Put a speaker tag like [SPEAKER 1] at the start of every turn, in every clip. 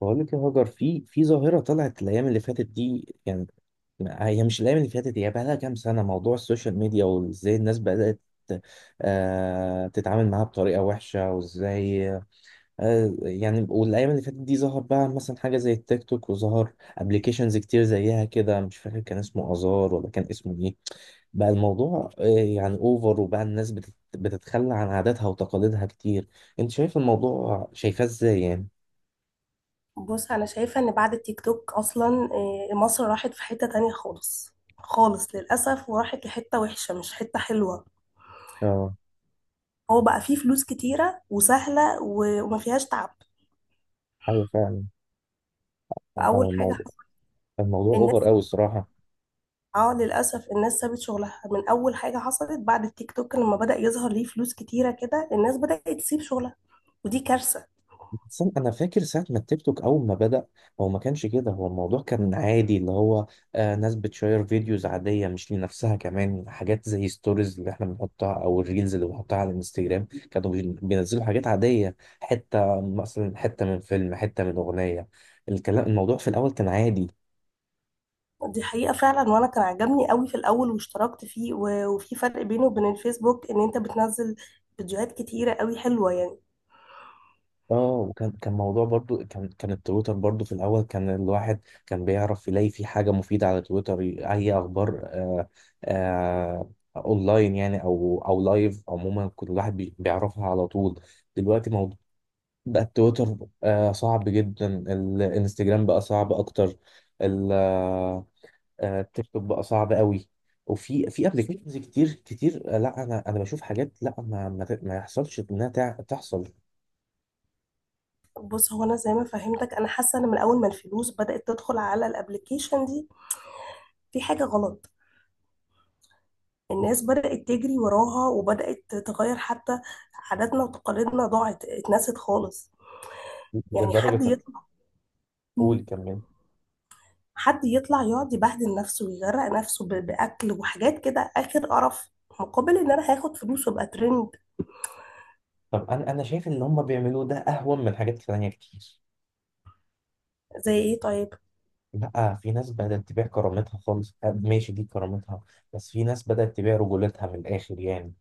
[SPEAKER 1] بقول لك يا هاجر، في ظاهرة طلعت الأيام اللي فاتت دي، يعني هي مش الأيام اللي فاتت، هي بقى لها كام سنة موضوع السوشيال ميديا، وإزاي الناس بدأت تتعامل معاها بطريقة وحشة، وإزاي يعني. والأيام اللي فاتت دي ظهر بقى مثلا حاجة زي التيك توك، وظهر أبليكيشنز كتير زيها كده، مش فاكر كان اسمه آزار ولا كان اسمه إيه. بقى الموضوع يعني اوفر، وبقى الناس بتتخلى عن عاداتها وتقاليدها كتير. انت شايف الموضوع، شايفاه ازاي يعني؟
[SPEAKER 2] بص انا شايفه ان بعد التيك توك اصلا مصر راحت في حته تانية خالص للاسف وراحت لحته وحشه مش حته حلوه.
[SPEAKER 1] اه،
[SPEAKER 2] هو بقى فيه فلوس كتيره وسهله و- وما فيهاش تعب.
[SPEAKER 1] ايوه فعلا. انا
[SPEAKER 2] فاول حاجه
[SPEAKER 1] الموضوع
[SPEAKER 2] حص-
[SPEAKER 1] الموضوع اوفر
[SPEAKER 2] الناس،
[SPEAKER 1] قوي الصراحه.
[SPEAKER 2] اه للاسف الناس سابت شغلها من اول حاجه حصلت بعد التيك توك. لما بدا يظهر ليه فلوس كتيره كده الناس بدات تسيب شغلها، ودي كارثه.
[SPEAKER 1] بس انا فاكر ساعه ما التيك توك اول ما بدا هو ما كانش كده، هو الموضوع كان عادي، اللي هو ناس بتشير فيديوز عاديه مش لنفسها، كمان حاجات زي ستوريز اللي احنا بنحطها او الريلز اللي بنحطها على الانستجرام، كانوا بينزلوا حاجات عاديه، حته مثلا حته من فيلم، حته من اغنيه. الكلام الموضوع في الاول كان عادي.
[SPEAKER 2] دي حقيقه فعلا، وانا كان عجبني قوي في الاول واشتركت فيه، و- وفي فرق بينه وبين الفيسبوك ان انت بتنزل فيديوهات كتيره قوي حلوه يعني.
[SPEAKER 1] اه، وكان كان التويتر برضو في الاول كان الواحد كان بيعرف يلاقي في حاجه مفيده على تويتر، اي اخبار آه اونلاين يعني، او لايف، عموما كل الواحد بيعرفها على طول. دلوقتي موضوع بقى التويتر صعب جدا، الانستجرام بقى صعب اكتر، ال- آه، التيك توك بقى صعب قوي. وفي ابلكيشنز كتير، لا، انا بشوف حاجات لا، ما يحصلش انها تحصل.
[SPEAKER 2] بص، هو انا زي ما فهمتك انا حاسه ان من اول ما الفلوس بدات تدخل على الابليكيشن دي في حاجه غلط. الناس بدات تجري وراها وبدات تغير حتى عاداتنا وتقاليدنا، ضاعت اتنست خالص. يعني
[SPEAKER 1] لدرجة. قول، كمل.
[SPEAKER 2] حد يطلع يقعد يبهدل نفسه ويغرق نفسه ب- باكل وحاجات كده اخر قرف، مقابل ان انا هاخد فلوس وابقى ترند.
[SPEAKER 1] طب انا شايف اللي هم بيعملوه ده اهون من حاجات تانية كتير.
[SPEAKER 2] زي ايه طيب؟
[SPEAKER 1] لا، في ناس بدأت تبيع كرامتها خالص، ماشي دي كرامتها، بس في ناس بدأت تبيع رجولتها من الآخر يعني.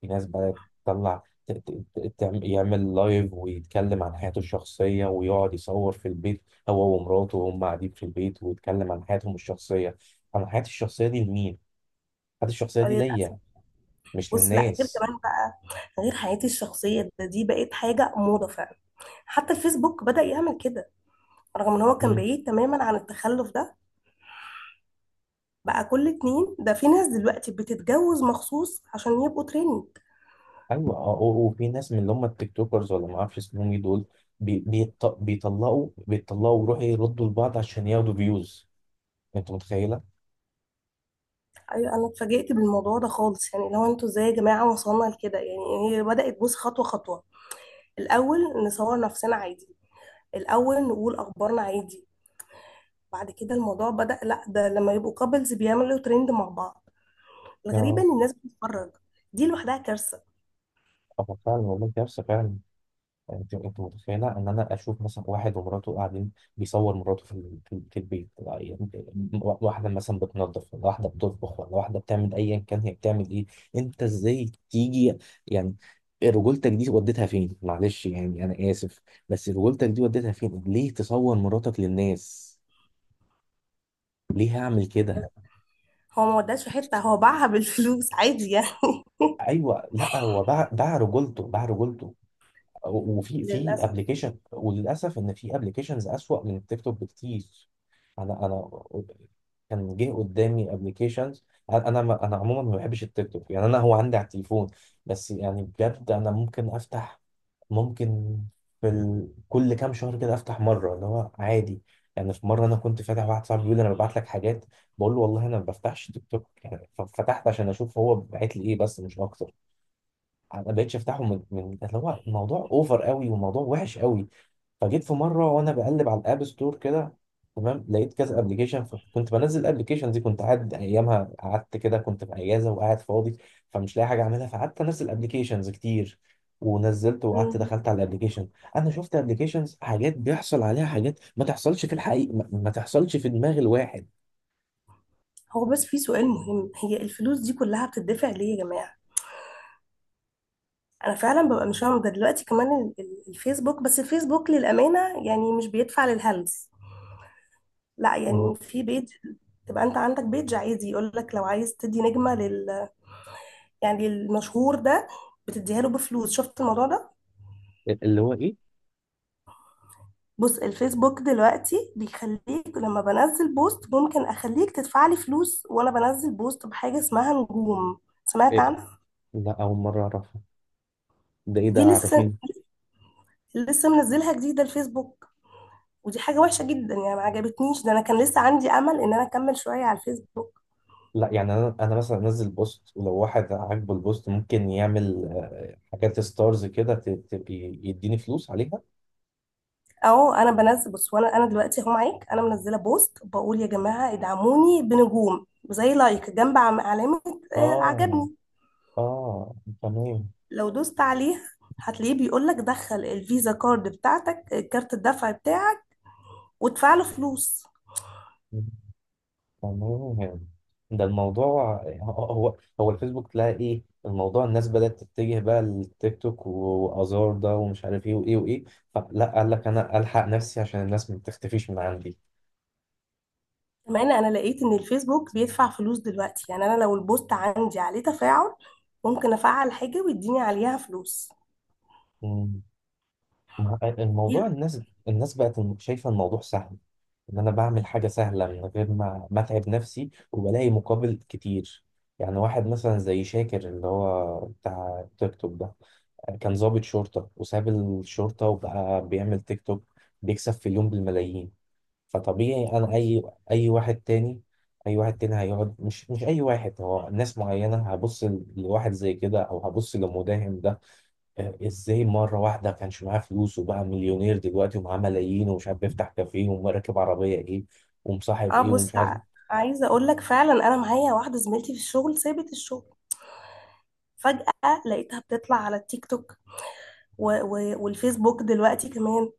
[SPEAKER 1] في ناس بدأت تطلع يعمل لايف، ويتكلم عن حياته الشخصية، ويقعد يصور في البيت هو ومراته، وهم قاعدين في البيت ويتكلم عن حياتهم الشخصية. عن حياتي الشخصية دي لمين؟ حياتي الشخصية دي ليا،
[SPEAKER 2] للاسف.
[SPEAKER 1] مش
[SPEAKER 2] بص لا، غير
[SPEAKER 1] للناس.
[SPEAKER 2] كمان بقى غير حياتي الشخصيه ده، دي بقت حاجه موضه فعلا. حتى الفيسبوك بدا يعمل كده، رغم ان هو كان بعيد تماما عن التخلف ده. بقى كل اتنين ده في ناس دلوقتي بتتجوز مخصوص عشان يبقوا ترند.
[SPEAKER 1] ايوه، اه، وفي ناس من اللي هم التيك توكرز ولا ما اعرفش اسمهم ايه دول، بيطلقوا، بيطلقوا ويروحوا يردوا لبعض عشان ياخدوا فيوز. انت متخيله؟
[SPEAKER 2] ايوه، انا اتفاجئت بالموضوع ده خالص. يعني لو انتوا ازاي يا جماعه وصلنا لكده؟ يعني هي بدات، بص، خطوه خطوه. الاول نصور نفسنا عادي، الاول نقول اخبارنا عادي، بعد كده الموضوع بدا، لا ده لما يبقوا كابلز بيعملوا ترند مع بعض. الغريبه
[SPEAKER 1] اه.
[SPEAKER 2] ان الناس بتتفرج، دي لوحدها كارثه.
[SPEAKER 1] اه فعلا والله، كارثه فعلا. انت متخيله ان انا اشوف مثلا واحد ومراته قاعدين، بيصور مراته في في البيت، يعني واحده مثلا بتنظف، ولا واحده بتطبخ، ولا واحده بتعمل ايا كان هي بتعمل ايه. انت ازاي تيجي يعني؟ رجولتك دي وديتها فين؟ معلش يعني انا اسف، بس رجولتك دي وديتها فين؟ ليه تصور مراتك للناس؟ ليه هعمل كده؟
[SPEAKER 2] هو ما وداش في حته، هو باعها بالفلوس عادي يعني.
[SPEAKER 1] ايوه، لا هو باع، باع باع رجولته. وفي في
[SPEAKER 2] للاسف.
[SPEAKER 1] ابلكيشن، وللاسف ان في ابلكيشنز اسوأ من التيك توك بكتير. انا كان جه قدامي ابلكيشنز، انا عموما ما بحبش التيك توك يعني، انا هو عندي على التليفون، بس يعني بجد انا ممكن افتح، ممكن في كل كام شهر كده افتح مره، اللي هو عادي يعني. في مره انا كنت فاتح، واحد صاحبي بيقول لي انا ببعت لك حاجات، بقول له والله انا ما بفتحش تيك توك يعني، فتحت عشان اشوف هو بعت لي ايه بس، مش اكتر. ما بقتش افتحه، من اللي هو الموضوع اوفر قوي والموضوع وحش قوي. فجيت في مره وانا بقلب على الاب ستور كده تمام، لقيت كذا ابلكيشن، فكنت بنزل الابلكيشن دي، كنت قاعد ايامها قعدت كده، كنت في اجازه وقاعد فاضي، فمش لاقي حاجه اعملها، فقعدت انزل ابلكيشنز كتير. ونزلت وقعدت دخلت على الابلكيشن، انا شفت ابلكيشنز حاجات بيحصل عليها حاجات ما تحصلش في الحقيقه، ما تحصلش في دماغ الواحد.
[SPEAKER 2] هو بس في سؤال مهم، هي الفلوس دي كلها بتدفع ليه يا جماعة؟ انا فعلا ببقى مش فاهمة. ده دلوقتي كمان ال- ال- الفيسبوك، بس الفيسبوك للأمانة يعني مش بيدفع للهلس. لا، يعني في بيج، تبقى انت عندك بيج عادي يقول لك لو عايز تدي نجمة لل، يعني المشهور ده بتديها له بفلوس. شفت الموضوع ده؟
[SPEAKER 1] اللي هو ايه؟
[SPEAKER 2] بص، الفيسبوك دلوقتي بيخليك لما بنزل بوست ممكن اخليك تدفع لي فلوس، وانا بنزل بوست بحاجة اسمها نجوم. سمعت
[SPEAKER 1] إيه،
[SPEAKER 2] عنها؟
[SPEAKER 1] لا اول مره اعرفها. ده ايه
[SPEAKER 2] دي
[SPEAKER 1] ده،
[SPEAKER 2] لسه،
[SPEAKER 1] عارفين؟
[SPEAKER 2] لسه منزلها جديدة الفيسبوك، ودي حاجة وحشة جدا يعني، ما عجبتنيش ده. انا كان لسه عندي امل ان انا اكمل شوية على الفيسبوك.
[SPEAKER 1] لا يعني انا مثلا انزل بوست، ولو واحد عاجبه البوست ممكن يعمل، حاجات ستارز كده، تبقى يديني فلوس عليها.
[SPEAKER 2] اهو انا بنزل، بص، وانا دلوقتي اهو معاك، انا منزلة بوست بقول يا جماعة ادعموني بنجوم زي لايك جنب علامة
[SPEAKER 1] اه.
[SPEAKER 2] عجبني.
[SPEAKER 1] اه. تمام.
[SPEAKER 2] لو دوست عليها هتلاقيه بيقول لك دخل الفيزا كارد بتاعتك، كارت الدفع بتاعك، وادفع له فلوس.
[SPEAKER 1] تمام. ده الموضوع هو، هو الفيسبوك تلاقي ايه الموضوع، الناس بدأت تتجه بقى للتيك توك وازار ده ومش عارف ايه وايه وايه. فلا قال لك انا الحق نفسي عشان الناس ما تختفيش من عندي.
[SPEAKER 2] كمان انا لقيت ان الفيسبوك بيدفع فلوس دلوقتي. يعني انا لو البوست عندي عليه تفاعل، ممكن افعل حاجة ويديني عليها فلوس.
[SPEAKER 1] الموضوع الناس، الناس بقت شايفة الموضوع سهل، ان انا بعمل حاجة سهلة من غير ما اتعب نفسي، وبلاقي مقابل كتير. يعني واحد مثلا زي شاكر اللي هو بتاع تيك توك ده، كان ضابط شرطة وساب الشرطة، وبقى بيعمل تيك توك، بيكسب في اليوم بالملايين. فطبيعي انا اي، اي واحد تاني، اي واحد تاني هيقعد، مش اي واحد، هو ناس معينة هبص لواحد زي كده، او هبص لمداهم ده، ازاي مره واحده كانش معاه فلوس وبقى مليونير دلوقتي ومعاه ملايين، ومش عارف بيفتح كافيه، وراكب عربيه ايه، ومصاحب
[SPEAKER 2] اه
[SPEAKER 1] ايه، ومش
[SPEAKER 2] بص،
[SPEAKER 1] عارف.
[SPEAKER 2] عايزه اقول لك فعلا، انا معايا واحده زميلتي في الشغل سابت الشغل فجاه، لقيتها بتطلع على التيك توك و و والفيسبوك دلوقتي كمان،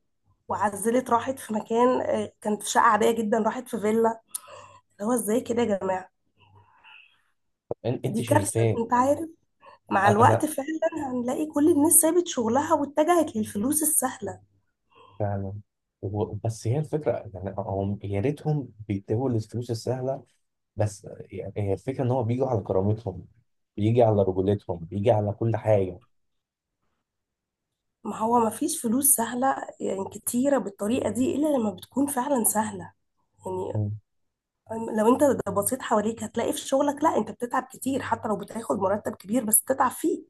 [SPEAKER 2] وعزلت راحت في مكان، كانت في شقه عاديه جدا راحت في فيلا. اللي هو ازاي كده يا جماعه؟
[SPEAKER 1] انت
[SPEAKER 2] دي كارثه.
[SPEAKER 1] شايفاه.
[SPEAKER 2] انت عارف، مع الوقت
[SPEAKER 1] انا
[SPEAKER 2] فعلا هنلاقي كل الناس سابت شغلها واتجهت للفلوس السهله.
[SPEAKER 1] فعلا. بس هي الفكره يعني، هم يا ريتهم بيتبعوا الفلوس السهله، بس يعني هي الفكره ان هو بيجوا على كرامتهم، بيجي على رجولتهم، بيجي على كل حاجه.
[SPEAKER 2] ما هو ما فيش فلوس سهله يعني كتيره بالطريقه دي الا لما بتكون فعلا سهله. يعني لو انت بصيت حواليك هتلاقي في شغلك، لا انت بتتعب كتير حتى لو بتاخد مرتب كبير بس بتتعب فيه.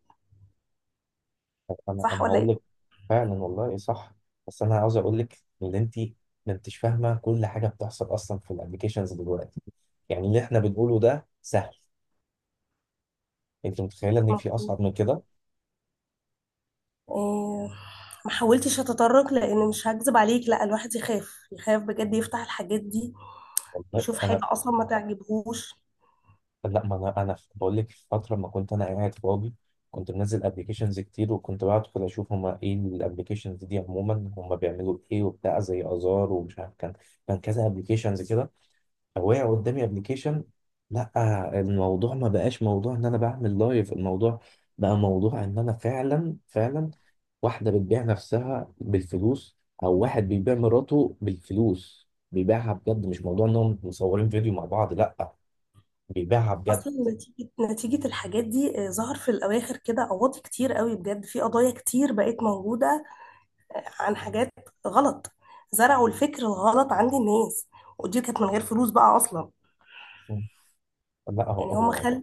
[SPEAKER 1] انا
[SPEAKER 2] صح
[SPEAKER 1] انا
[SPEAKER 2] ولا
[SPEAKER 1] هقول لك.
[SPEAKER 2] ايه؟
[SPEAKER 1] فعلا والله صح. بس انا عاوز اقول لك ان انت ما انتش فاهمه كل حاجه بتحصل اصلا في الابلكيشنز دلوقتي، يعني اللي احنا بنقوله ده سهل، انت متخيله ان في
[SPEAKER 2] مظبوط.
[SPEAKER 1] اصعب من كده؟
[SPEAKER 2] اه، ما حاولتش اتطرق، لان مش هكذب عليك، لا الواحد يخاف، يخاف بجد يفتح الحاجات دي،
[SPEAKER 1] والله
[SPEAKER 2] يشوف حاجة
[SPEAKER 1] انا،
[SPEAKER 2] اصلا ما تعجبهوش.
[SPEAKER 1] لا ما انا، بقول لك في فتره ما كنت انا قاعد فاضي، كنت منزل ابلكيشنز كتير، وكنت بدخل اشوف هما ايه الابلكيشنز دي عموما، هما بيعملوا ايه وبتاع، زي ازار ومش عارف كان، كان كذا ابلكيشنز كده، أو وقع قدامي ابلكيشن. لا الموضوع ما بقاش موضوع ان انا بعمل لايف، الموضوع بقى موضوع ان انا فعلا واحدة بتبيع نفسها بالفلوس، او واحد بيبيع مراته بالفلوس، بيبيعها بجد، مش موضوع انهم مصورين فيديو مع بعض، لا بيبيعها بجد.
[SPEAKER 2] اصلا نتيجة الحاجات دي ظهر في الاواخر كده قواضي كتير قوي بجد، في قضايا كتير بقت موجودة اه، عن حاجات غلط. زرعوا الفكر الغلط عند الناس، ودي كانت من غير فلوس بقى اصلا.
[SPEAKER 1] لا هو
[SPEAKER 2] يعني هم
[SPEAKER 1] هو
[SPEAKER 2] خلوا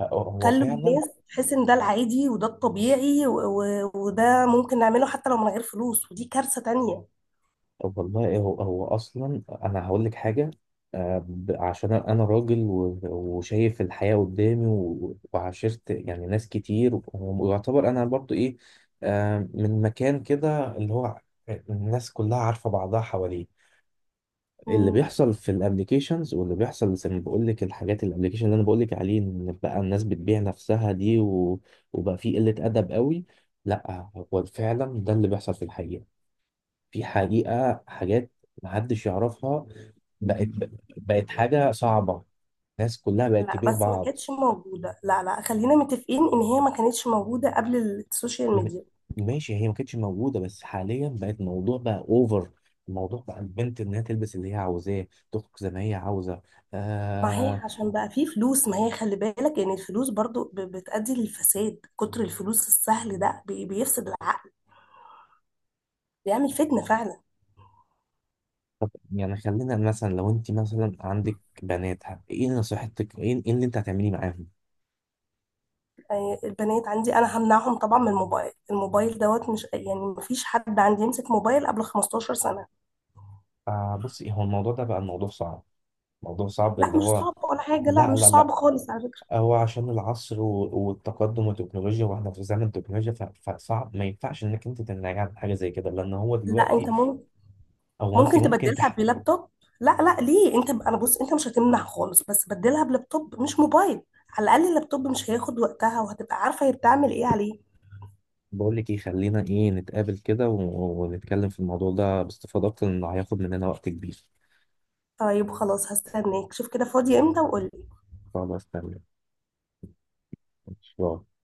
[SPEAKER 1] هو هو
[SPEAKER 2] خلوا
[SPEAKER 1] فعلا.
[SPEAKER 2] الناس تحس ان ده العادي وده الطبيعي، و... و... وده ممكن نعمله حتى لو من غير فلوس، ودي كارثة تانية.
[SPEAKER 1] طب والله هو اصلا انا هقول لك حاجه، عشان انا راجل، وشايف الحياه قدامي، وعاشرت يعني ناس كتير، ويعتبر انا برضو ايه، من مكان كده اللي هو الناس كلها عارفه بعضها حواليه. اللي
[SPEAKER 2] مم.
[SPEAKER 1] بيحصل في الابليكيشنز، واللي بيحصل زي ما بقول لك الحاجات، الابليكيشن اللي انا بقول لك عليه، ان بقى الناس بتبيع نفسها دي، وبقى في قله ادب قوي. لا هو فعلا ده اللي بيحصل في الحقيقه، في حقيقة حاجات محدش يعرفها، بقت، بقت حاجة صعبة، الناس كلها بقت
[SPEAKER 2] لا
[SPEAKER 1] تبيع
[SPEAKER 2] بس ما
[SPEAKER 1] بعض.
[SPEAKER 2] كانتش موجودة، لا لا، خلينا متفقين ان هي ما كانتش موجودة قبل السوشيال
[SPEAKER 1] م-
[SPEAKER 2] ميديا.
[SPEAKER 1] ماشي، هي ما كانتش موجودة، بس حاليا بقت موضوع بقى اوفر. الموضوع بقى البنت انها تلبس اللي هي عاوزاه، تخرج زي ما هي عاوزة.
[SPEAKER 2] ما هي
[SPEAKER 1] آه.
[SPEAKER 2] عشان بقى فيه فلوس، ما هي خلي بالك ان الفلوس برضو ب- بتؤدي للفساد، كتر الفلوس السهل ده بي- بيفسد العقل، بيعمل فتنة فعلا.
[SPEAKER 1] طب يعني خلينا، مثلا لو انت مثلا عندك بنات، ايه نصيحتك؟ ايه إيه اللي انت هتعمليه معاهم؟
[SPEAKER 2] يعني البنات عندي انا همنعهم طبعا من الموبايل، الموبايل دوت مش يعني، ما فيش حد عندي يمسك موبايل قبل 15 سنة.
[SPEAKER 1] آه بصي، هو الموضوع ده بقى الموضوع صعب، موضوع صعب
[SPEAKER 2] لا
[SPEAKER 1] اللي
[SPEAKER 2] مش
[SPEAKER 1] هو.
[SPEAKER 2] صعب ولا حاجة، لا
[SPEAKER 1] لا لا
[SPEAKER 2] مش
[SPEAKER 1] لا
[SPEAKER 2] صعب خالص على فكرة.
[SPEAKER 1] هو عشان العصر، والتقدم والتكنولوجيا، واحنا في زمن تكنولوجيا، فصعب، ما ينفعش انك انت تمنعي عن حاجه زي كده، لان هو
[SPEAKER 2] لا
[SPEAKER 1] دلوقتي،
[SPEAKER 2] انت ممكن،
[SPEAKER 1] هو انت
[SPEAKER 2] ممكن
[SPEAKER 1] ممكن
[SPEAKER 2] تبدلها بلابتوب. لا لا ليه انت، انا بص انت مش هتمنع خالص، بس بدلها بلابتوب مش موبايل، على الاقل اللابتوب مش هياخد وقتها وهتبقى عارفة هي بتعمل ايه عليه.
[SPEAKER 1] بقول لك ايه، خلينا ايه نتقابل كده، ونتكلم في الموضوع ده باستفاضه اكتر، لانه هياخد مننا وقت كبير.
[SPEAKER 2] طيب خلاص، هستناك، شوف كده فاضية امتى وقولي.
[SPEAKER 1] خلاص تمام. ان شاء الله.